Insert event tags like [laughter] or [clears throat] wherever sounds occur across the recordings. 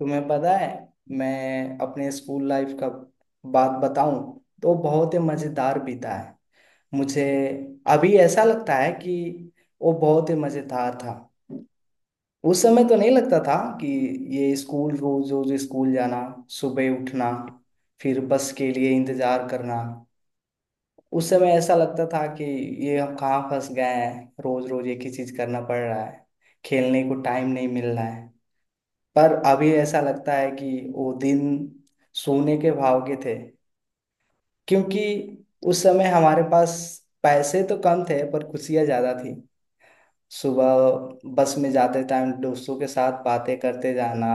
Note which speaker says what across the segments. Speaker 1: तुम्हें पता है। मैं अपने स्कूल लाइफ का बात बताऊं तो बहुत ही मजेदार बीता है। मुझे अभी ऐसा लगता है कि वो बहुत ही मजेदार था। उस समय तो नहीं लगता था कि ये स्कूल, रोज रोज स्कूल जाना, सुबह उठना, फिर बस के लिए इंतजार करना। उस समय ऐसा लगता था कि ये हम कहाँ फंस गए हैं, रोज रोज एक ही चीज करना पड़ रहा है, खेलने को टाइम नहीं मिल रहा है। पर अभी ऐसा लगता है कि वो दिन सोने के भाव के थे। क्योंकि उस समय हमारे पास पैसे तो कम थे पर खुशियाँ ज़्यादा थी। सुबह बस में जाते टाइम दोस्तों के साथ बातें करते जाना,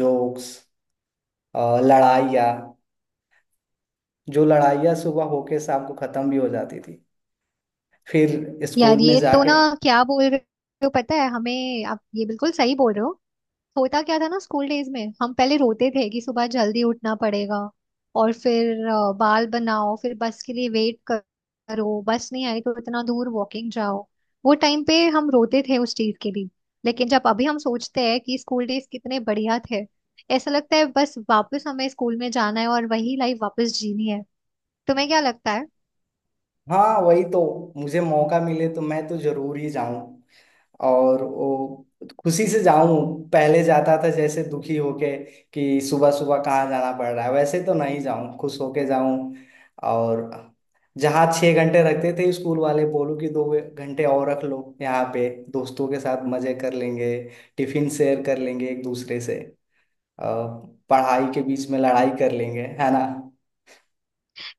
Speaker 1: जोक्स, लड़ाइयाँ, जो लड़ाइयाँ सुबह होके शाम को ख़त्म भी हो जाती थी। फिर स्कूल
Speaker 2: यार,
Speaker 1: में
Speaker 2: ये तो
Speaker 1: जाके।
Speaker 2: ना, क्या बोल रहे हो, पता है हमें। आप ये बिल्कुल सही बोल रहे हो। होता क्या था ना, स्कूल डेज में हम पहले रोते थे कि सुबह जल्दी उठना पड़ेगा। और फिर बाल बनाओ, फिर बस के लिए वेट करो, बस नहीं आई तो इतना दूर वॉकिंग जाओ। वो टाइम पे हम रोते थे उस चीज के लिए। लेकिन जब अभी हम सोचते हैं कि स्कूल डेज कितने बढ़िया थे, ऐसा लगता है बस वापस हमें स्कूल में जाना है और वही लाइफ वापस जीनी है। तुम्हें क्या लगता है?
Speaker 1: हाँ वही तो। मुझे मौका मिले तो मैं तो जरूर ही जाऊं, और वो खुशी से जाऊं। पहले जाता था जैसे दुखी होके कि सुबह सुबह कहाँ जाना पड़ रहा है, वैसे तो नहीं जाऊं, खुश होके जाऊं। और जहाँ 6 घंटे रखते थे स्कूल वाले, बोलो कि 2 घंटे और रख लो, यहाँ पे दोस्तों के साथ मजे कर लेंगे, टिफिन शेयर कर लेंगे एक दूसरे से। अ, पढ़ाई के बीच में लड़ाई कर लेंगे, है ना।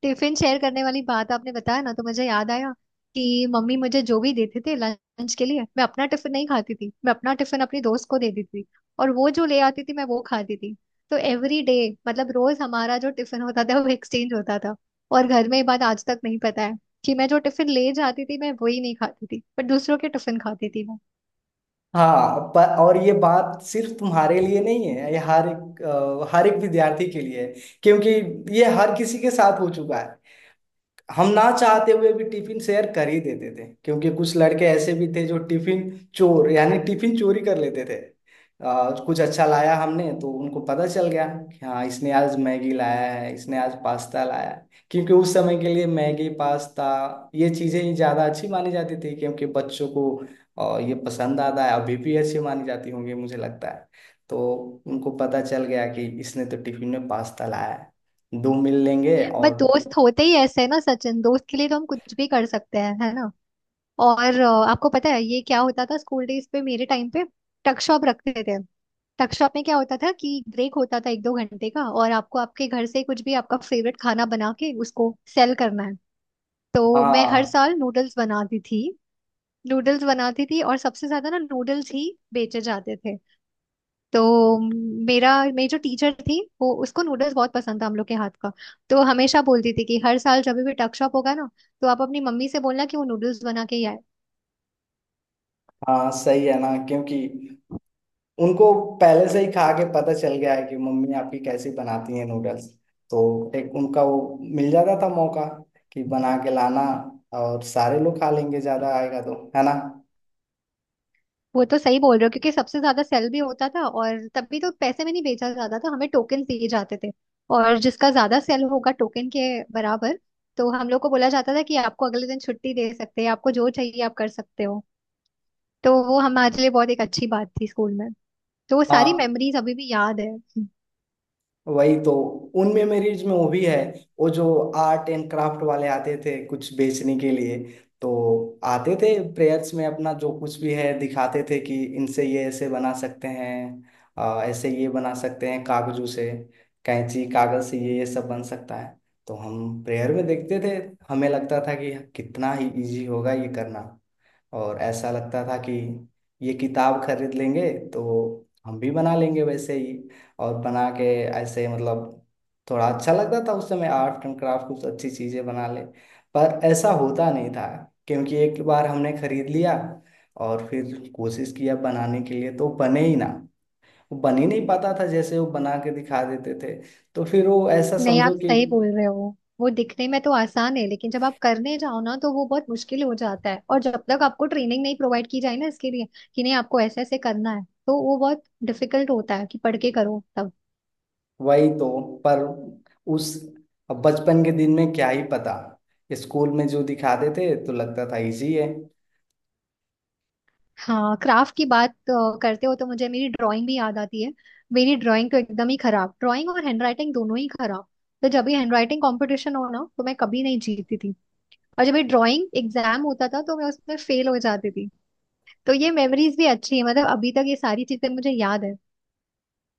Speaker 2: टिफिन शेयर करने वाली बात आपने बताया ना तो मुझे याद आया कि मम्मी मुझे जो भी देते थे लंच के लिए, मैं अपना टिफिन नहीं खाती थी, मैं अपना टिफिन अपनी दोस्त को देती थी, और वो जो ले आती थी मैं वो खाती थी। तो एवरी डे, मतलब रोज हमारा जो टिफिन होता था वो एक्सचेंज होता था। और घर में ये बात आज तक नहीं पता है कि मैं जो टिफिन ले जाती थी मैं वही नहीं खाती थी, पर दूसरों के टिफिन खाती थी मैं।
Speaker 1: हाँ पर, और ये बात सिर्फ तुम्हारे लिए नहीं है, ये हर एक हर एक विद्यार्थी के लिए है। क्योंकि ये हर किसी के साथ हो चुका है। हम ना चाहते हुए भी टिफिन शेयर कर ही देते थे, क्योंकि कुछ लड़के ऐसे भी थे जो टिफिन चोर, यानी टिफिन चोरी कर लेते थे। कुछ अच्छा लाया हमने तो उनको पता चल गया कि हाँ इसने आज मैगी लाया है, इसने आज पास्ता लाया है। क्योंकि उस समय के लिए मैगी पास्ता, ये चीजें ही ज्यादा अच्छी मानी जाती थी। क्योंकि बच्चों को ये पसंद आता है, अभी भी अच्छी मानी जाती होंगी मुझे लगता है। तो उनको पता चल गया कि इसने तो टिफिन में पास्ता लाया है, दो मिल लेंगे।
Speaker 2: बट
Speaker 1: और
Speaker 2: दोस्त होते ही ऐसे है ना सचिन, दोस्त के लिए तो हम कुछ भी कर सकते हैं, है ना? और आपको पता है ये क्या होता था स्कूल डेज पे, मेरे टाइम पे? टक शॉप रखते थे। टक शॉप में क्या होता था कि ब्रेक होता था एक दो घंटे का और आपको आपके घर से कुछ भी आपका फेवरेट खाना बना के उसको सेल करना है। तो मैं हर
Speaker 1: हाँ।
Speaker 2: साल नूडल्स बनाती थी। नूडल्स बनाती थी और सबसे ज्यादा ना नूडल्स ही बेचे जाते थे। तो मेरा मेरी जो टीचर थी, वो उसको नूडल्स बहुत पसंद था हम लोग के हाथ का। तो हमेशा बोलती थी कि हर साल जब भी टक शॉप होगा ना तो आप अपनी मम्मी से बोलना कि वो नूडल्स बना के ही आए।
Speaker 1: हाँ सही है ना। क्योंकि उनको पहले से ही खा के पता चल गया है कि मम्मी आपकी कैसी बनाती है नूडल्स। तो एक उनका वो मिल जाता था मौका कि बना के लाना और सारे लोग खा लेंगे, ज्यादा आएगा तो, है ना।
Speaker 2: वो तो सही बोल रहे हो, क्योंकि सबसे ज्यादा सेल भी होता था और तभी तो पैसे में नहीं बेचा जाता था, हमें टोकन दिए जाते थे। और जिसका ज्यादा सेल होगा टोकन के बराबर, तो हम लोग को बोला जाता था कि आपको अगले दिन छुट्टी दे सकते हैं, आपको जो चाहिए आप कर सकते हो। तो वो हमारे लिए बहुत एक अच्छी बात थी स्कूल में। तो वो सारी
Speaker 1: हाँ
Speaker 2: मेमोरीज अभी भी याद है।
Speaker 1: वही तो। उनमें मेरी इसमें वो भी है, वो जो आर्ट एंड क्राफ्ट वाले आते थे कुछ बेचने के लिए। तो आते थे प्रेयर्स में, अपना जो कुछ भी है दिखाते थे कि इनसे ये ऐसे बना सकते हैं, ऐसे ये बना सकते हैं कागजों से। कैंची कागज से ये सब बन सकता है। तो हम प्रेयर में देखते थे, हमें लगता था कि कितना ही इजी होगा ये करना। और ऐसा लगता था कि ये किताब खरीद लेंगे तो हम भी बना लेंगे वैसे ही। और बना के ऐसे, मतलब थोड़ा अच्छा लगता था उस समय, आर्ट एंड क्राफ्ट कुछ अच्छी चीज़ें बना ले। पर ऐसा होता नहीं था। क्योंकि एक बार हमने खरीद लिया और फिर कोशिश किया बनाने के लिए, तो बने ही ना। वो बन ही नहीं पाता था जैसे वो बना के दिखा देते थे। तो फिर वो ऐसा
Speaker 2: नहीं, आप
Speaker 1: समझो कि
Speaker 2: सही बोल रहे हो। वो दिखने में तो आसान है लेकिन जब आप करने जाओ ना तो वो बहुत मुश्किल हो जाता है, और जब तक आपको ट्रेनिंग नहीं प्रोवाइड की जाए ना इसके लिए कि नहीं आपको ऐसे ऐसे करना है, तो वो बहुत डिफिकल्ट होता है कि पढ़ के करो तब।
Speaker 1: वही तो। पर उस, अब बचपन के दिन में क्या ही पता। स्कूल में जो दिखाते थे तो लगता था इजी है।
Speaker 2: हाँ, क्राफ्ट की बात करते हो तो मुझे मेरी ड्राइंग भी याद आती है। मेरी ड्राइंग तो एकदम ही खराब, ड्राइंग और हैंडराइटिंग दोनों ही खराब। तो जब भी हैंडराइटिंग कंपटीशन हो ना तो मैं कभी नहीं जीतती थी। और जब ये ड्राइंग एग्जाम होता था तो मैं उसमें फेल हो जाती थी। तो ये मेमोरीज भी अच्छी है, मतलब अभी तक ये सारी चीजें मुझे याद है।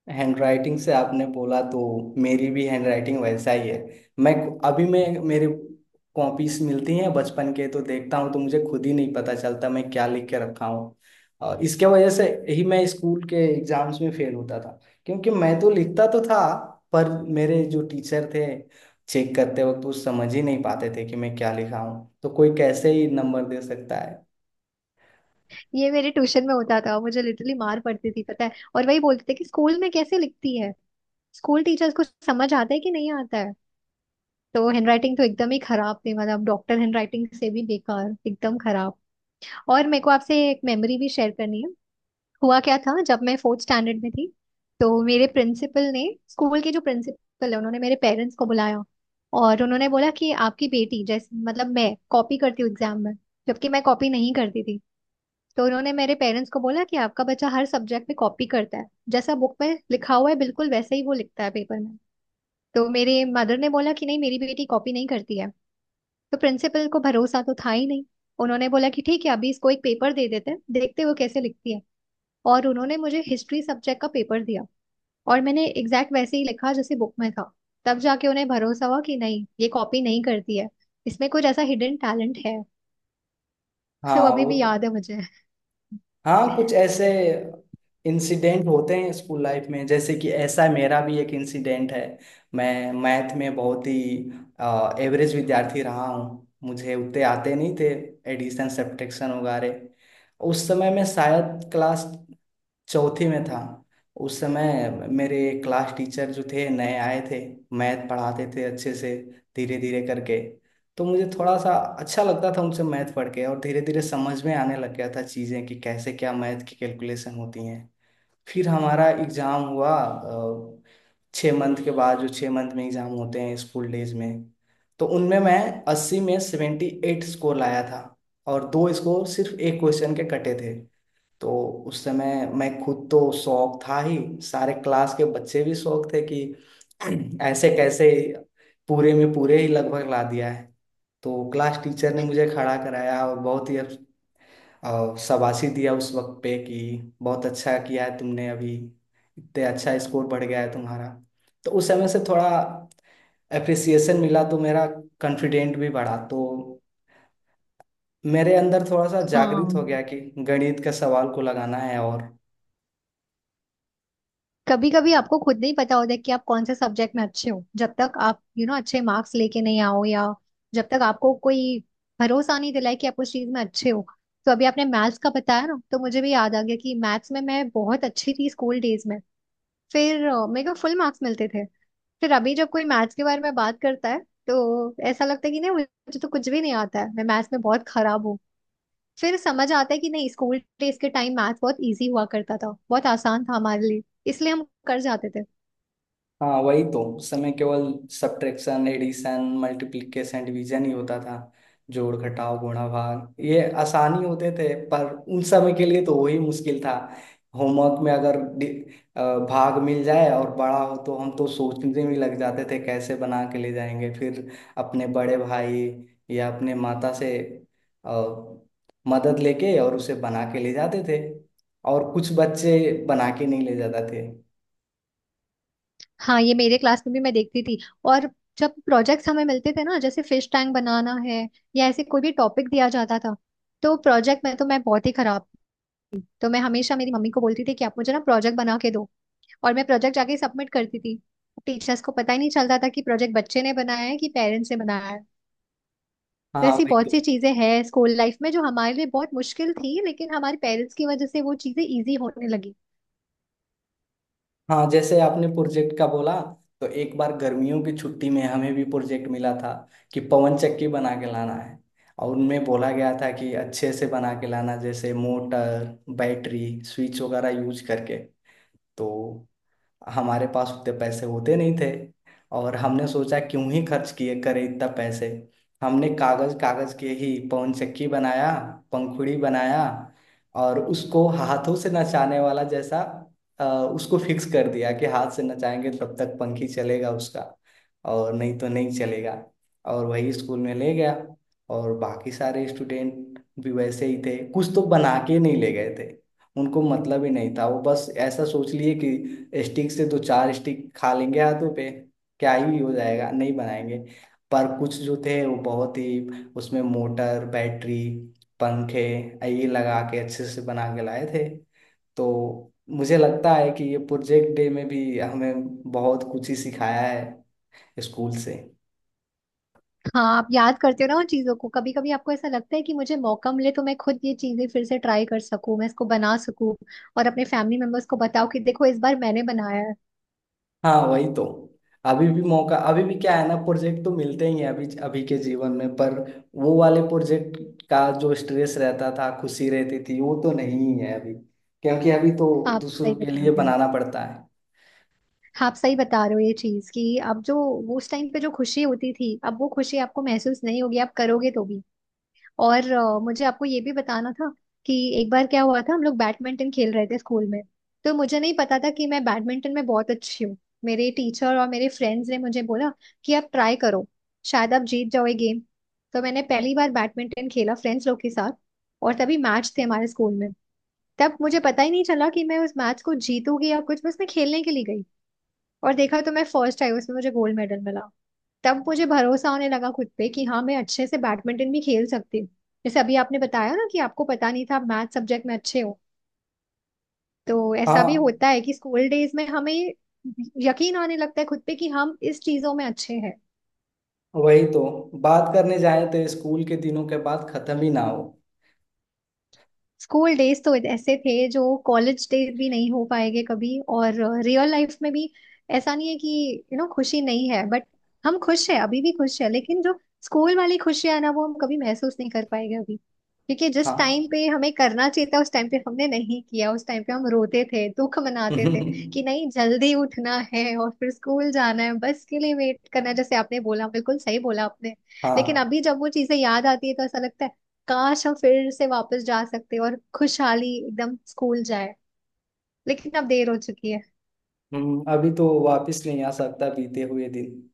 Speaker 1: हैंडराइटिंग से आपने बोला तो, मेरी भी हैंडराइटिंग वैसा ही है। मैं अभी मैं मेरे कॉपीज मिलती हैं बचपन के, तो देखता हूँ तो मुझे खुद ही नहीं पता चलता मैं क्या लिख के रखा हूँ। और इसके वजह से ही मैं स्कूल के एग्जाम्स में फेल होता था। क्योंकि मैं तो लिखता तो था, पर मेरे जो टीचर थे, चेक करते वक्त वो समझ ही नहीं पाते थे कि मैं क्या लिखा हूँ, तो कोई कैसे ही नंबर दे सकता है।
Speaker 2: ये मेरे ट्यूशन में होता था, मुझे लिटरली मार पड़ती थी पता है, और वही बोलते थे कि स्कूल में कैसे लिखती है, स्कूल टीचर्स को समझ आता है कि नहीं आता है। तो हैंडराइटिंग तो एकदम ही खराब थी, मतलब डॉक्टर हैंडराइटिंग से भी बेकार, एकदम खराब। और मेरे को आपसे एक मेमोरी भी शेयर करनी है। हुआ क्या था, जब मैं फोर्थ स्टैंडर्ड में थी तो मेरे प्रिंसिपल ने, स्कूल के जो प्रिंसिपल है उन्होंने मेरे पेरेंट्स को बुलाया। और उन्होंने बोला कि आपकी बेटी जैसे मतलब मैं कॉपी करती हूँ एग्जाम में। जबकि मैं कॉपी नहीं करती थी। तो उन्होंने मेरे पेरेंट्स को बोला कि आपका बच्चा हर सब्जेक्ट में कॉपी करता है, जैसा बुक में लिखा हुआ है बिल्कुल वैसे ही वो लिखता है पेपर में। तो मेरे मदर ने बोला कि नहीं, मेरी बेटी कॉपी नहीं करती है। तो प्रिंसिपल को भरोसा तो था ही नहीं। उन्होंने बोला कि ठीक है, अभी इसको एक पेपर दे देते हैं, देखते हैं वो कैसे लिखती है। और उन्होंने मुझे हिस्ट्री सब्जेक्ट का पेपर दिया। और मैंने एग्जैक्ट वैसे ही लिखा जैसे बुक में था। तब जाके उन्हें भरोसा हुआ कि नहीं, ये कॉपी नहीं करती है, इसमें कुछ ऐसा हिडन टैलेंट है। [laughs] वो
Speaker 1: हाँ
Speaker 2: अभी
Speaker 1: वो
Speaker 2: भी
Speaker 1: तो।
Speaker 2: याद है मुझे।
Speaker 1: हाँ कुछ ऐसे इंसिडेंट होते हैं स्कूल लाइफ में, जैसे कि ऐसा मेरा भी एक इंसिडेंट है। मैं मैथ में बहुत ही एवरेज विद्यार्थी रहा हूँ, मुझे उतने आते नहीं थे एडिशन सब्ट्रैक्शन वगैरह। उस समय मैं शायद क्लास चौथी में था। उस समय मेरे क्लास टीचर जो थे नए आए थे, मैथ पढ़ाते थे अच्छे से, धीरे धीरे करके। तो मुझे थोड़ा सा अच्छा लगता था उनसे मैथ पढ़ के, और धीरे धीरे समझ में आने लग गया था चीज़ें कि कैसे क्या मैथ की कैलकुलेशन होती हैं। फिर हमारा एग्ज़ाम हुआ 6 मंथ के बाद, जो 6 मंथ में एग्ज़ाम होते हैं स्कूल डेज में। तो उनमें मैं 80 में 78 स्कोर लाया था, और 2 स्कोर सिर्फ एक क्वेश्चन के कटे थे। तो उस समय मैं खुद तो शौक था ही, सारे क्लास के बच्चे भी शौक थे कि [clears throat] ऐसे कैसे पूरे में पूरे ही लगभग ला दिया है। तो क्लास टीचर ने मुझे खड़ा कराया और बहुत ही शाबाशी दिया उस वक्त पे कि बहुत अच्छा किया है तुमने, अभी इतने अच्छा स्कोर बढ़ गया है तुम्हारा। तो उस समय से थोड़ा अप्रिसिएशन मिला तो मेरा कॉन्फिडेंट भी बढ़ा। तो मेरे अंदर थोड़ा सा जागृत हो गया
Speaker 2: हाँ,
Speaker 1: कि गणित का सवाल को लगाना है। और
Speaker 2: कभी कभी आपको खुद नहीं पता होता कि आप कौन से सब्जेक्ट में अच्छे हो जब तक आप यू you नो know, अच्छे मार्क्स लेके नहीं आओ, या जब तक आपको कोई भरोसा नहीं दिलाए कि आप उस चीज में अच्छे हो। तो अभी आपने मैथ्स का बताया ना तो मुझे भी याद आ गया कि मैथ्स में मैं बहुत अच्छी थी स्कूल डेज में। फिर मेरे को फुल मार्क्स मिलते थे। फिर अभी जब कोई मैथ्स के बारे में बात करता है तो ऐसा लगता है कि नहीं, मुझे तो कुछ भी नहीं आता है, मैं मैथ्स में बहुत खराब हूँ। फिर समझ आता है कि नहीं, स्कूल डेज के टाइम मैथ्स बहुत इजी हुआ करता था, बहुत आसान था हमारे लिए, इसलिए हम कर जाते थे।
Speaker 1: हाँ वही तो। उस समय केवल सब्ट्रैक्शन एडिशन मल्टीप्लिकेशन डिवीजन ही होता था, जोड़ घटाव गुणा भाग, ये आसानी होते थे पर उन समय के लिए तो वही मुश्किल था। होमवर्क में अगर अ, भाग मिल जाए और बड़ा हो तो हम तो सोचने में लग जाते थे कैसे बना के ले जाएंगे। फिर अपने बड़े भाई या अपने माता से अ, मदद लेके और उसे बना के ले जाते थे। और कुछ बच्चे बना के नहीं ले जाते थे।
Speaker 2: हाँ, ये मेरे क्लास में भी मैं देखती थी। और जब प्रोजेक्ट्स हमें मिलते थे ना, जैसे फिश टैंक बनाना है या ऐसे कोई भी टॉपिक दिया जाता था, तो प्रोजेक्ट में तो मैं बहुत ही खराब थी। तो मैं हमेशा मेरी मम्मी को बोलती थी कि आप मुझे ना प्रोजेक्ट बना के दो, और मैं प्रोजेक्ट जाके सबमिट करती थी। टीचर्स को पता ही नहीं चलता था कि प्रोजेक्ट बच्चे ने बनाया है कि पेरेंट्स ने बनाया है। तो
Speaker 1: हाँ
Speaker 2: ऐसी
Speaker 1: वही तो।
Speaker 2: बहुत सी चीजें हैं स्कूल लाइफ में जो हमारे लिए बहुत मुश्किल थी, लेकिन हमारे पेरेंट्स की वजह से वो चीजें इजी होने लगी।
Speaker 1: हाँ जैसे आपने प्रोजेक्ट का बोला, तो एक बार गर्मियों की छुट्टी में हमें भी प्रोजेक्ट मिला था कि पवन चक्की बना के लाना है। और उनमें बोला गया था कि अच्छे से बना के लाना, जैसे मोटर बैटरी स्विच वगैरह यूज करके। तो हमारे पास उतने पैसे होते नहीं थे। और हमने सोचा क्यों ही खर्च किए करे इतना पैसे। हमने कागज, कागज के ही पवन चक्की बनाया, पंखुड़ी बनाया। और उसको हाथों से नचाने वाला जैसा अ, उसको फिक्स कर दिया कि हाथ से नचाएंगे तब तक पंखी चलेगा उसका, और नहीं तो नहीं चलेगा। और वही स्कूल में ले गया। और बाकी सारे स्टूडेंट भी वैसे ही थे, कुछ तो बना के नहीं ले गए थे, उनको मतलब ही नहीं था। वो बस ऐसा सोच लिए कि स्टिक से दो चार स्टिक खा लेंगे हाथों पे, क्या ही हो जाएगा, नहीं बनाएंगे। पर कुछ जो थे वो बहुत ही, उसमें मोटर बैटरी पंखे ये लगा के अच्छे से बना के लाए थे। तो मुझे लगता है कि ये प्रोजेक्ट डे में भी हमें बहुत कुछ ही सिखाया है स्कूल से।
Speaker 2: हाँ, आप याद करते हो ना उन चीजों को, कभी कभी आपको ऐसा लगता है कि मुझे मौका मिले तो मैं खुद ये चीजें फिर से ट्राई कर सकूं, मैं इसको बना सकूं और अपने फैमिली मेंबर्स को बताओ कि देखो इस बार मैंने बनाया है।
Speaker 1: हाँ वही तो। अभी भी मौका, अभी भी क्या है ना, प्रोजेक्ट तो मिलते ही हैं अभी अभी के जीवन में। पर वो वाले प्रोजेक्ट का जो स्ट्रेस रहता था, खुशी रहती थी, वो तो नहीं है अभी। क्योंकि अभी तो
Speaker 2: आप
Speaker 1: दूसरों
Speaker 2: सही
Speaker 1: के
Speaker 2: बता
Speaker 1: लिए
Speaker 2: रहे हो।
Speaker 1: बनाना पड़ता है।
Speaker 2: आप सही बता रहे हो ये चीज कि अब जो, उस टाइम पे जो खुशी होती थी, अब वो खुशी आपको महसूस नहीं होगी आप करोगे तो भी। और मुझे आपको ये भी बताना था कि एक बार क्या हुआ था, हम लोग बैडमिंटन खेल रहे थे स्कूल में। तो मुझे नहीं पता था कि मैं बैडमिंटन में बहुत अच्छी हूँ। मेरे टीचर और मेरे फ्रेंड्स ने मुझे बोला कि आप ट्राई करो, शायद आप जीत जाओ ये गेम। तो मैंने पहली बार बैडमिंटन खेला फ्रेंड्स लोग के साथ। और तभी मैच थे हमारे स्कूल में। तब मुझे पता ही नहीं चला कि मैं उस मैच को जीतूंगी या कुछ, बस मैं खेलने के लिए गई। और देखा तो मैं फर्स्ट आई, उसमें मुझे गोल्ड मेडल मिला। तब मुझे भरोसा होने लगा खुद पे कि हाँ, मैं अच्छे से बैडमिंटन भी खेल सकती हूँ। जैसे अभी आपने बताया ना कि आपको पता नहीं था आप मैथ सब्जेक्ट में अच्छे हो, तो ऐसा भी
Speaker 1: हाँ
Speaker 2: होता है कि स्कूल डेज में हमें यकीन आने लगता है खुद पे कि हम इस चीजों में अच्छे हैं।
Speaker 1: वही तो। बात करने जाए तो स्कूल के दिनों के बाद खत्म ही ना हो।
Speaker 2: स्कूल डेज तो ऐसे थे जो कॉलेज डेज भी नहीं हो पाएंगे कभी। और रियल लाइफ में भी ऐसा नहीं है कि यू नो खुशी नहीं है, बट हम खुश है, अभी भी खुश है, लेकिन जो स्कूल वाली खुशियां है ना, वो हम कभी महसूस नहीं कर पाएंगे अभी। क्योंकि जिस टाइम
Speaker 1: हाँ
Speaker 2: पे हमें करना चाहिए था उस टाइम पे हमने नहीं किया, उस टाइम पे हम रोते थे, दुख मनाते थे
Speaker 1: [laughs]
Speaker 2: कि नहीं जल्दी उठना है और फिर स्कूल जाना है, बस के लिए वेट करना है। जैसे आपने बोला, बिल्कुल सही बोला आपने। लेकिन
Speaker 1: हाँ।
Speaker 2: अभी जब वो चीजें याद आती है तो ऐसा लगता है काश हम फिर से वापस जा सकते और खुशहाली एकदम स्कूल जाए। लेकिन अब देर हो चुकी है।
Speaker 1: अभी तो वापस नहीं आ सकता बीते हुए दिन।